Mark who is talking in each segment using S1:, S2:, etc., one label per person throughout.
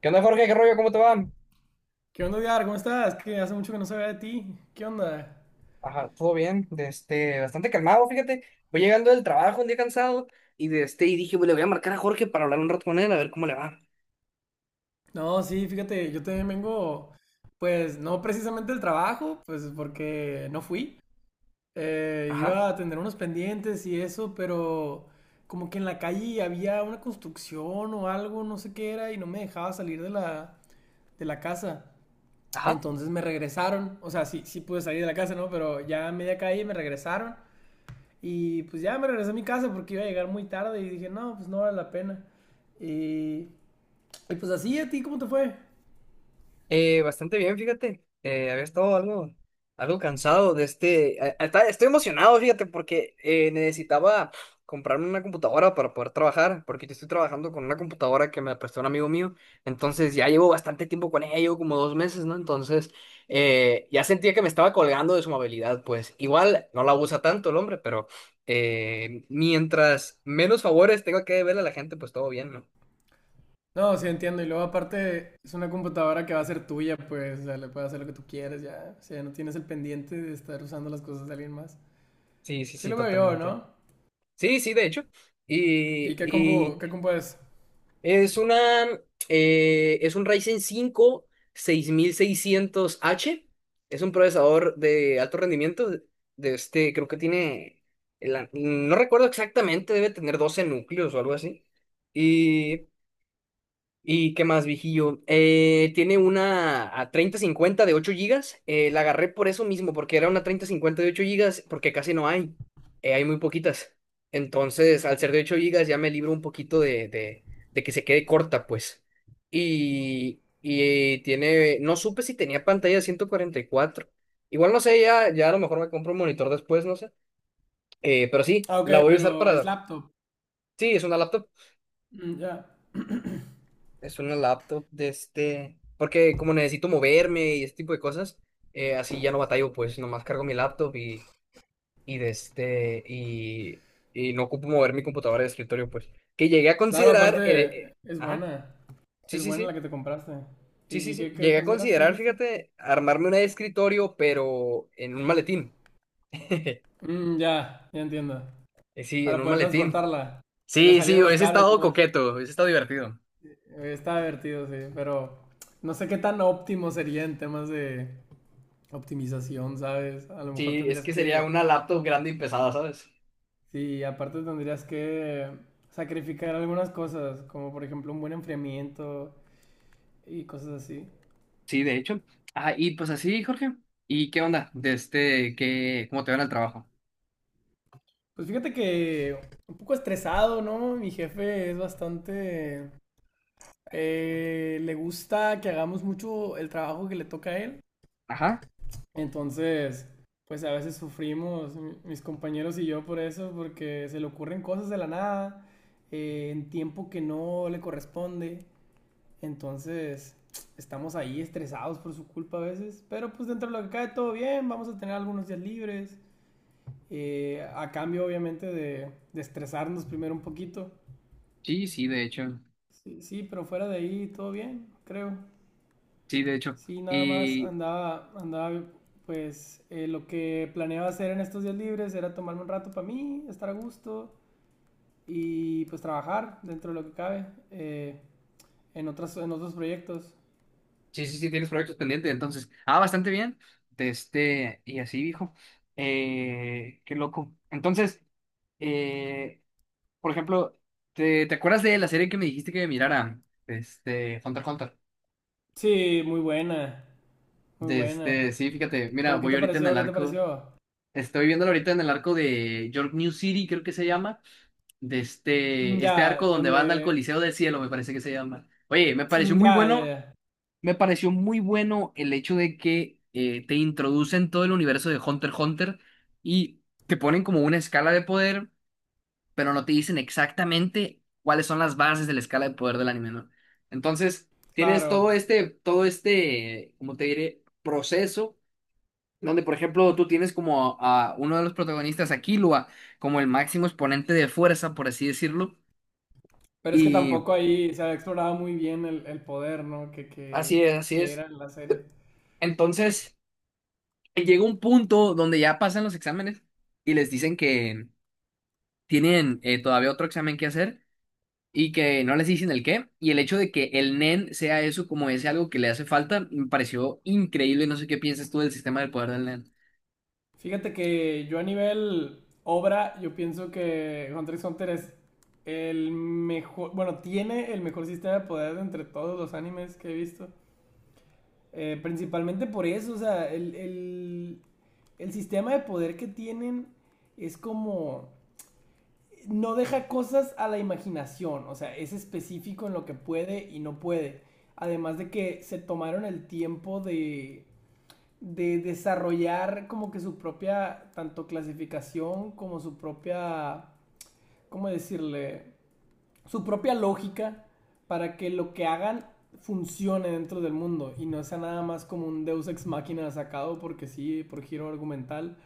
S1: ¿Qué onda, Jorge? ¿Qué rollo? ¿Cómo te va?
S2: ¿Qué onda, Edgar? ¿Cómo estás? Que hace mucho que no sabía de ti. ¿Qué onda?
S1: Ajá, todo bien, bastante calmado, fíjate. Voy llegando del trabajo un día cansado y dije, "Bueno, le voy a marcar a Jorge para hablar un rato con él, a ver cómo le va."
S2: No, sí, fíjate, yo también vengo, pues no precisamente del trabajo, pues porque no fui. Iba a
S1: Ajá,
S2: atender unos pendientes y eso, pero como que en la calle había una construcción o algo, no sé qué era, y no me dejaba salir de la casa.
S1: ajá.
S2: Entonces me regresaron, o sea, sí, sí pude salir de la casa, ¿no? Pero ya a media calle me regresaron. Y pues ya me regresé a mi casa porque iba a llegar muy tarde y dije, no, pues no vale la pena. Y, y pues así, ¿a ti cómo te fue?
S1: Bastante bien, fíjate. Había estado algo, algo cansado de este. A- Estoy emocionado, fíjate, porque necesitaba comprarme una computadora para poder trabajar, porque yo estoy trabajando con una computadora que me prestó un amigo mío. Entonces ya llevo bastante tiempo con ella, llevo como 2 meses, ¿no? Entonces ya sentía que me estaba colgando de su amabilidad, pues igual no la usa tanto el hombre, pero mientras menos favores tenga que deberle a la gente, pues todo bien, ¿no?
S2: No, sí entiendo. Y luego aparte es una computadora que va a ser tuya, pues, o sea, le puedes hacer lo que tú quieras, ya. O sea, no tienes el pendiente de estar usando las cosas de alguien más.
S1: Sí, sí,
S2: Así
S1: sí,
S2: lo veo yo,
S1: totalmente.
S2: ¿no?
S1: Sí, sí, de hecho. Y,
S2: ¿Y qué
S1: y
S2: compu es?
S1: es una, es un Ryzen 5 6600H. Es un procesador de alto rendimiento. Creo que tiene, no recuerdo exactamente, debe tener 12 núcleos o algo así. Y ¿Y qué más, viejillo? Tiene una a 3050 de 8 gigas. La agarré por eso mismo, porque era una 3050 de 8 gigas, porque casi no hay. Hay muy poquitas. Entonces, al ser de 8 gigas, ya me libro un poquito de que se quede corta, pues. Y tiene. No supe si tenía pantalla de 144. Igual no sé, ya, ya a lo mejor me compro un monitor después, no sé. Pero sí,
S2: Ah, ok,
S1: la voy a usar
S2: pero es
S1: para.
S2: laptop.
S1: Sí, es una laptop.
S2: Mm, ya.
S1: Es una laptop porque como necesito moverme y este tipo de cosas, así ya no batallo, pues nomás cargo mi laptop y de este, y, y no ocupo mover mi computadora de escritorio, pues. Que llegué a
S2: Claro,
S1: considerar,
S2: aparte es
S1: ajá,
S2: buena.
S1: sí,
S2: Es
S1: sí,
S2: buena la
S1: sí,
S2: que te compraste.
S1: sí, sí,
S2: Y
S1: sí,
S2: qué, qué
S1: llegué a
S2: consideraste,
S1: considerar,
S2: dijiste?
S1: fíjate, armarme una de escritorio, pero en un maletín.
S2: Mm, ya, ya entiendo.
S1: Sí, en
S2: Para
S1: un
S2: poder
S1: maletín.
S2: transportarla. Que le
S1: Sí, sí,
S2: salieran los
S1: hubiese
S2: cables
S1: estado
S2: nomás.
S1: coqueto, hubiese estado divertido.
S2: Está divertido, sí, pero no sé qué tan óptimo sería en temas de optimización, ¿sabes? A lo mejor
S1: Sí, es
S2: tendrías
S1: que sería
S2: que,
S1: una laptop grande y pesada, ¿sabes?
S2: sí, aparte tendrías que sacrificar algunas cosas, como por ejemplo un buen enfriamiento y cosas así.
S1: Sí, de hecho. Ah, y pues así, Jorge. ¿Y qué onda? ¿Cómo te van al trabajo?
S2: Pues fíjate que un poco estresado, ¿no? Mi jefe es bastante... le gusta que hagamos mucho el trabajo que le toca a él.
S1: Ajá.
S2: Entonces, pues a veces sufrimos, mis compañeros y yo, por eso, porque se le ocurren cosas de la nada, en tiempo que no le corresponde. Entonces, estamos ahí estresados por su culpa a veces, pero pues dentro de lo que cae todo bien, vamos a tener algunos días libres, a cambio obviamente de estresarnos primero un poquito.
S1: Sí, sí, de hecho.
S2: Sí, sí, pero fuera de ahí todo bien, creo.
S1: Sí, de hecho.
S2: Sí, nada más
S1: Y
S2: andaba, pues lo que planeaba hacer en estos días libres era tomarme un rato para mí, estar a gusto y pues trabajar dentro de lo que cabe, eh, en otros proyectos.
S1: sí, sí, sí, tienes proyectos pendientes, entonces. Ah, bastante bien. Y así, dijo. Qué loco. Entonces, eh, por ejemplo, ¿te acuerdas de la serie que me dijiste que mirara? Hunter x Hunter.
S2: Sí, muy buena, muy
S1: De este,
S2: buena.
S1: sí, fíjate, mira,
S2: ¿Cómo qué
S1: voy
S2: te
S1: ahorita en
S2: pareció?
S1: el
S2: ¿Qué te
S1: arco.
S2: pareció?
S1: Estoy viéndolo ahorita en el arco de York New City, creo que se llama. de
S2: Mm,
S1: este, este arco
S2: ya,
S1: donde van al
S2: donde...
S1: Coliseo del Cielo, me parece que se llama. Oye,
S2: Mm, ya, ya, ya.
S1: me pareció muy bueno el hecho de que te introducen todo el universo de Hunter x Hunter y te ponen como una escala de poder, pero no te dicen exactamente cuáles son las bases de la escala de poder del anime, ¿no? Entonces, tienes
S2: Claro.
S1: todo este, como te diré, proceso. Donde, por ejemplo, tú tienes como a uno de los protagonistas, a Killua, como el máximo exponente de fuerza, por así decirlo,
S2: Pero es que
S1: y
S2: tampoco ahí se había explorado muy bien el poder, ¿no?
S1: así es, así
S2: Que
S1: es.
S2: era en la serie.
S1: Entonces, llega un punto donde ya pasan los exámenes y les dicen que tienen todavía otro examen que hacer y que no les dicen el qué. Y el hecho de que el NEN sea eso como ese algo que le hace falta, me pareció increíble. No sé qué piensas tú del sistema del poder del NEN.
S2: Fíjate que yo a nivel obra, yo pienso que Hunter x Hunter es el mejor, bueno, tiene el mejor sistema de poder entre todos los animes que he visto. Principalmente por eso, o sea, el sistema de poder que tienen es como, no deja cosas a la imaginación, o sea, es específico en lo que puede y no puede. Además de que se tomaron el tiempo de desarrollar como que su propia, tanto clasificación como su propia, ¿cómo decirle? Su propia lógica para que lo que hagan funcione dentro del mundo y no sea nada más como un Deus ex máquina sacado porque sí, por giro argumental.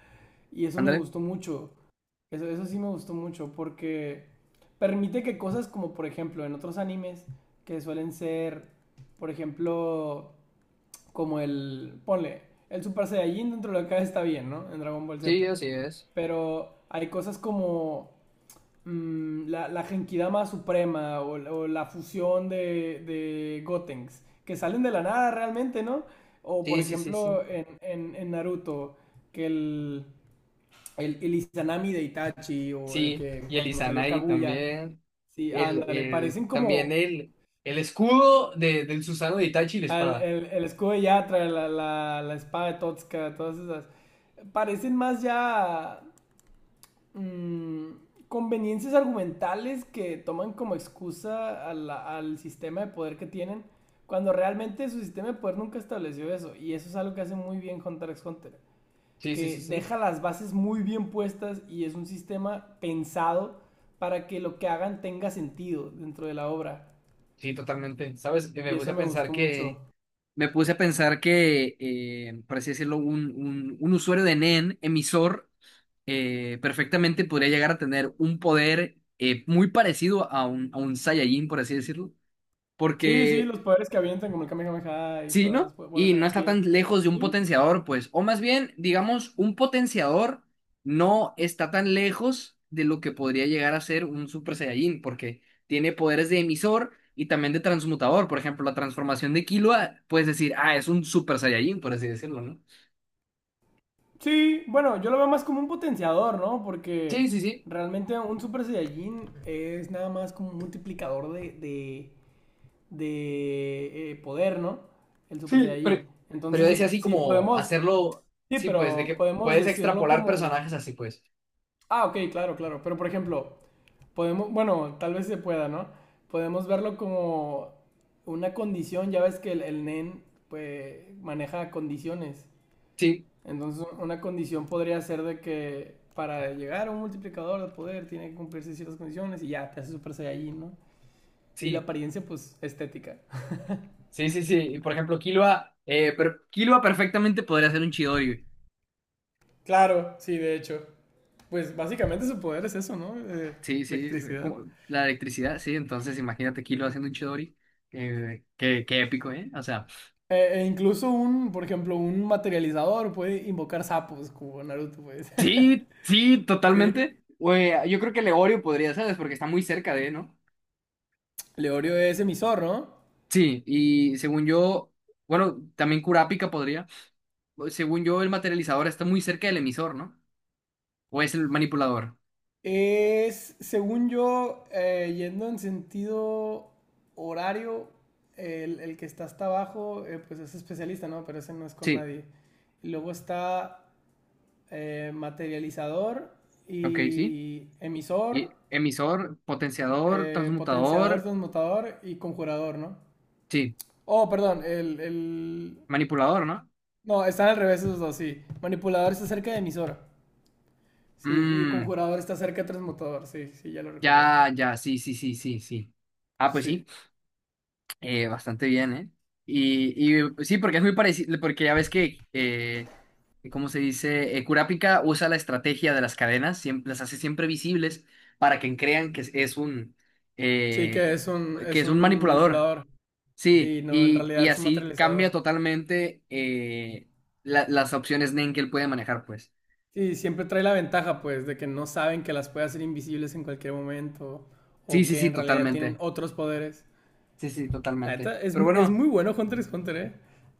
S2: Y eso me
S1: Ándale.
S2: gustó mucho. Eso sí me gustó mucho porque permite que cosas como por ejemplo en otros animes que suelen ser, por ejemplo, como el, ponle, el Super Saiyajin dentro de acá está bien, ¿no? En Dragon Ball
S1: Sí,
S2: Z.
S1: así es.
S2: Pero hay cosas como mm, la Genkidama Suprema o la fusión de Gotenks, que salen de la nada realmente, ¿no? O por
S1: Sí, sí, sí, sí.
S2: ejemplo en Naruto, que el Izanami de Itachi o de
S1: Sí,
S2: que
S1: y el
S2: cuando salió
S1: Izanagi
S2: Kaguya,
S1: también.
S2: sí,
S1: El,
S2: ándale,
S1: el,
S2: parecen
S1: también
S2: como
S1: el escudo del Susano de Itachi y la espada.
S2: el escudo de Yatra, la espada de Totska, todas esas. Parecen más ya mm, conveniencias argumentales que toman como excusa a al sistema de poder que tienen, cuando realmente su sistema de poder nunca estableció eso. Y eso es algo que hace muy bien Hunter x Hunter,
S1: Sí, sí, sí,
S2: que
S1: sí.
S2: deja las bases muy bien puestas y es un sistema pensado para que lo que hagan tenga sentido dentro de la obra.
S1: Sí, totalmente. ¿Sabes? Y
S2: Y eso me gustó mucho.
S1: me puse a pensar que, por así decirlo, un usuario de NEN, emisor, perfectamente podría llegar a tener un poder muy parecido a un Saiyajin, por así decirlo.
S2: Sí, sí,
S1: Porque
S2: los poderes que avientan, como el Kamehameha y
S1: Sí,
S2: todas las
S1: ¿no?
S2: bolas
S1: Y
S2: de
S1: no está
S2: energía.
S1: tan lejos de un
S2: Sí,
S1: potenciador, pues. O más bien, digamos, un potenciador no está tan lejos de lo que podría llegar a ser un Super Saiyajin, porque tiene poderes de emisor y también de transmutador. Por ejemplo, la transformación de Killua, puedes decir, ah, es un Super Saiyajin, por así decirlo, ¿no?
S2: sí, bueno, yo lo veo más como un potenciador, ¿no? Porque
S1: Sí, sí, sí.
S2: realmente un Super Saiyajin es nada más como un multiplicador de poder, ¿no? El Super
S1: Sí, pero
S2: Saiyajin.
S1: Pero
S2: Entonces,
S1: yo decía
S2: sí,
S1: así
S2: sí
S1: como
S2: podemos,
S1: hacerlo,
S2: sí,
S1: sí, pues, de
S2: pero
S1: que
S2: podemos
S1: puedes
S2: decirlo
S1: extrapolar
S2: como...
S1: personajes así, pues.
S2: Ah, ok, claro, claro. Pero, por ejemplo, podemos, bueno, tal vez se pueda, ¿no? Podemos verlo como una condición, ya ves que el NEN pues, maneja condiciones.
S1: Sí,
S2: Entonces, una condición podría ser de que para llegar a un multiplicador de poder tiene que cumplirse ciertas condiciones y ya, te hace Super Saiyajin, ¿no? Y la
S1: sí.
S2: apariencia, pues, estética.
S1: Sí, sí, sí. Por ejemplo, Killua, pero Killua perfectamente podría ser un Chidori, güey.
S2: Claro, sí, de hecho. Pues básicamente su poder es eso, ¿no?
S1: Sí, sí.
S2: Electricidad.
S1: Como la electricidad, sí. Entonces, imagínate Killua
S2: Uh-huh.
S1: haciendo un Chidori. Qué épico, ¿eh? O sea,
S2: E incluso un, por ejemplo, un materializador puede invocar sapos como Naruto, pues.
S1: sí, sí,
S2: Sí,
S1: totalmente. Güey, yo creo que Legorio podría, ¿sabes? Porque está muy cerca de, ¿no?
S2: Leorio es emisor, ¿no?
S1: Sí, y según yo, bueno, también Kurapika podría. Según yo, el materializador está muy cerca del emisor, ¿no? O es el manipulador.
S2: Es, según yo, yendo en sentido horario, el que está hasta abajo, pues es especialista, ¿no? Pero ese no es con
S1: Sí,
S2: nadie. Y luego está materializador
S1: ok, sí.
S2: y
S1: Y
S2: emisor,
S1: emisor, potenciador,
S2: potenciador,
S1: transmutador.
S2: transmutador y conjurador, ¿no?
S1: Sí.
S2: Oh, perdón, el...
S1: Manipulador, ¿no?
S2: No, están al revés esos dos, sí. Manipulador está cerca de emisor. Sí, y
S1: Mm,
S2: conjurador está cerca de transmutador, sí, sí, ya lo recordé.
S1: ya, ya, sí, sí, sí, sí, sí. Ah, pues
S2: Sí,
S1: sí, bastante bien, ¿eh? Y sí, porque es muy parecido, porque ya ves que, ¿cómo se dice? Kurapika usa la estrategia de las cadenas, siempre, las hace siempre visibles para que crean
S2: sí
S1: eh,
S2: que es
S1: que
S2: es
S1: es
S2: un
S1: un manipulador.
S2: manipulador.
S1: Sí,
S2: Sí, no, en
S1: y
S2: realidad es un
S1: así cambia
S2: materializador.
S1: totalmente las opciones Nen que él puede manejar, pues.
S2: Sí, siempre trae la ventaja, pues, de que no saben que las puede hacer invisibles en cualquier momento
S1: Sí,
S2: o
S1: sí,
S2: que
S1: sí,
S2: en realidad tienen
S1: totalmente.
S2: otros poderes.
S1: Sí, sí,
S2: La
S1: totalmente.
S2: neta, es,
S1: Pero
S2: es
S1: bueno.
S2: muy bueno Hunter x Hunter, ¿eh?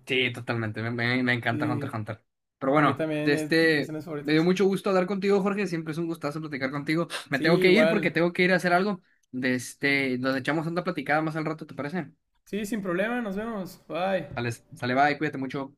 S1: Sí, totalmente. Me encanta Hunter x
S2: Sí,
S1: Hunter. Pero
S2: a mí
S1: bueno,
S2: también es de mis animes
S1: me dio
S2: favoritos.
S1: mucho gusto hablar contigo, Jorge. Siempre es un gustazo platicar contigo. Me tengo
S2: Sí,
S1: que ir porque
S2: igual.
S1: tengo que ir a hacer algo. Nos echamos una platicada más al rato, ¿te parece?
S2: Sí, sin problema, nos vemos. Bye.
S1: Sale, sale, bye, cuídate mucho.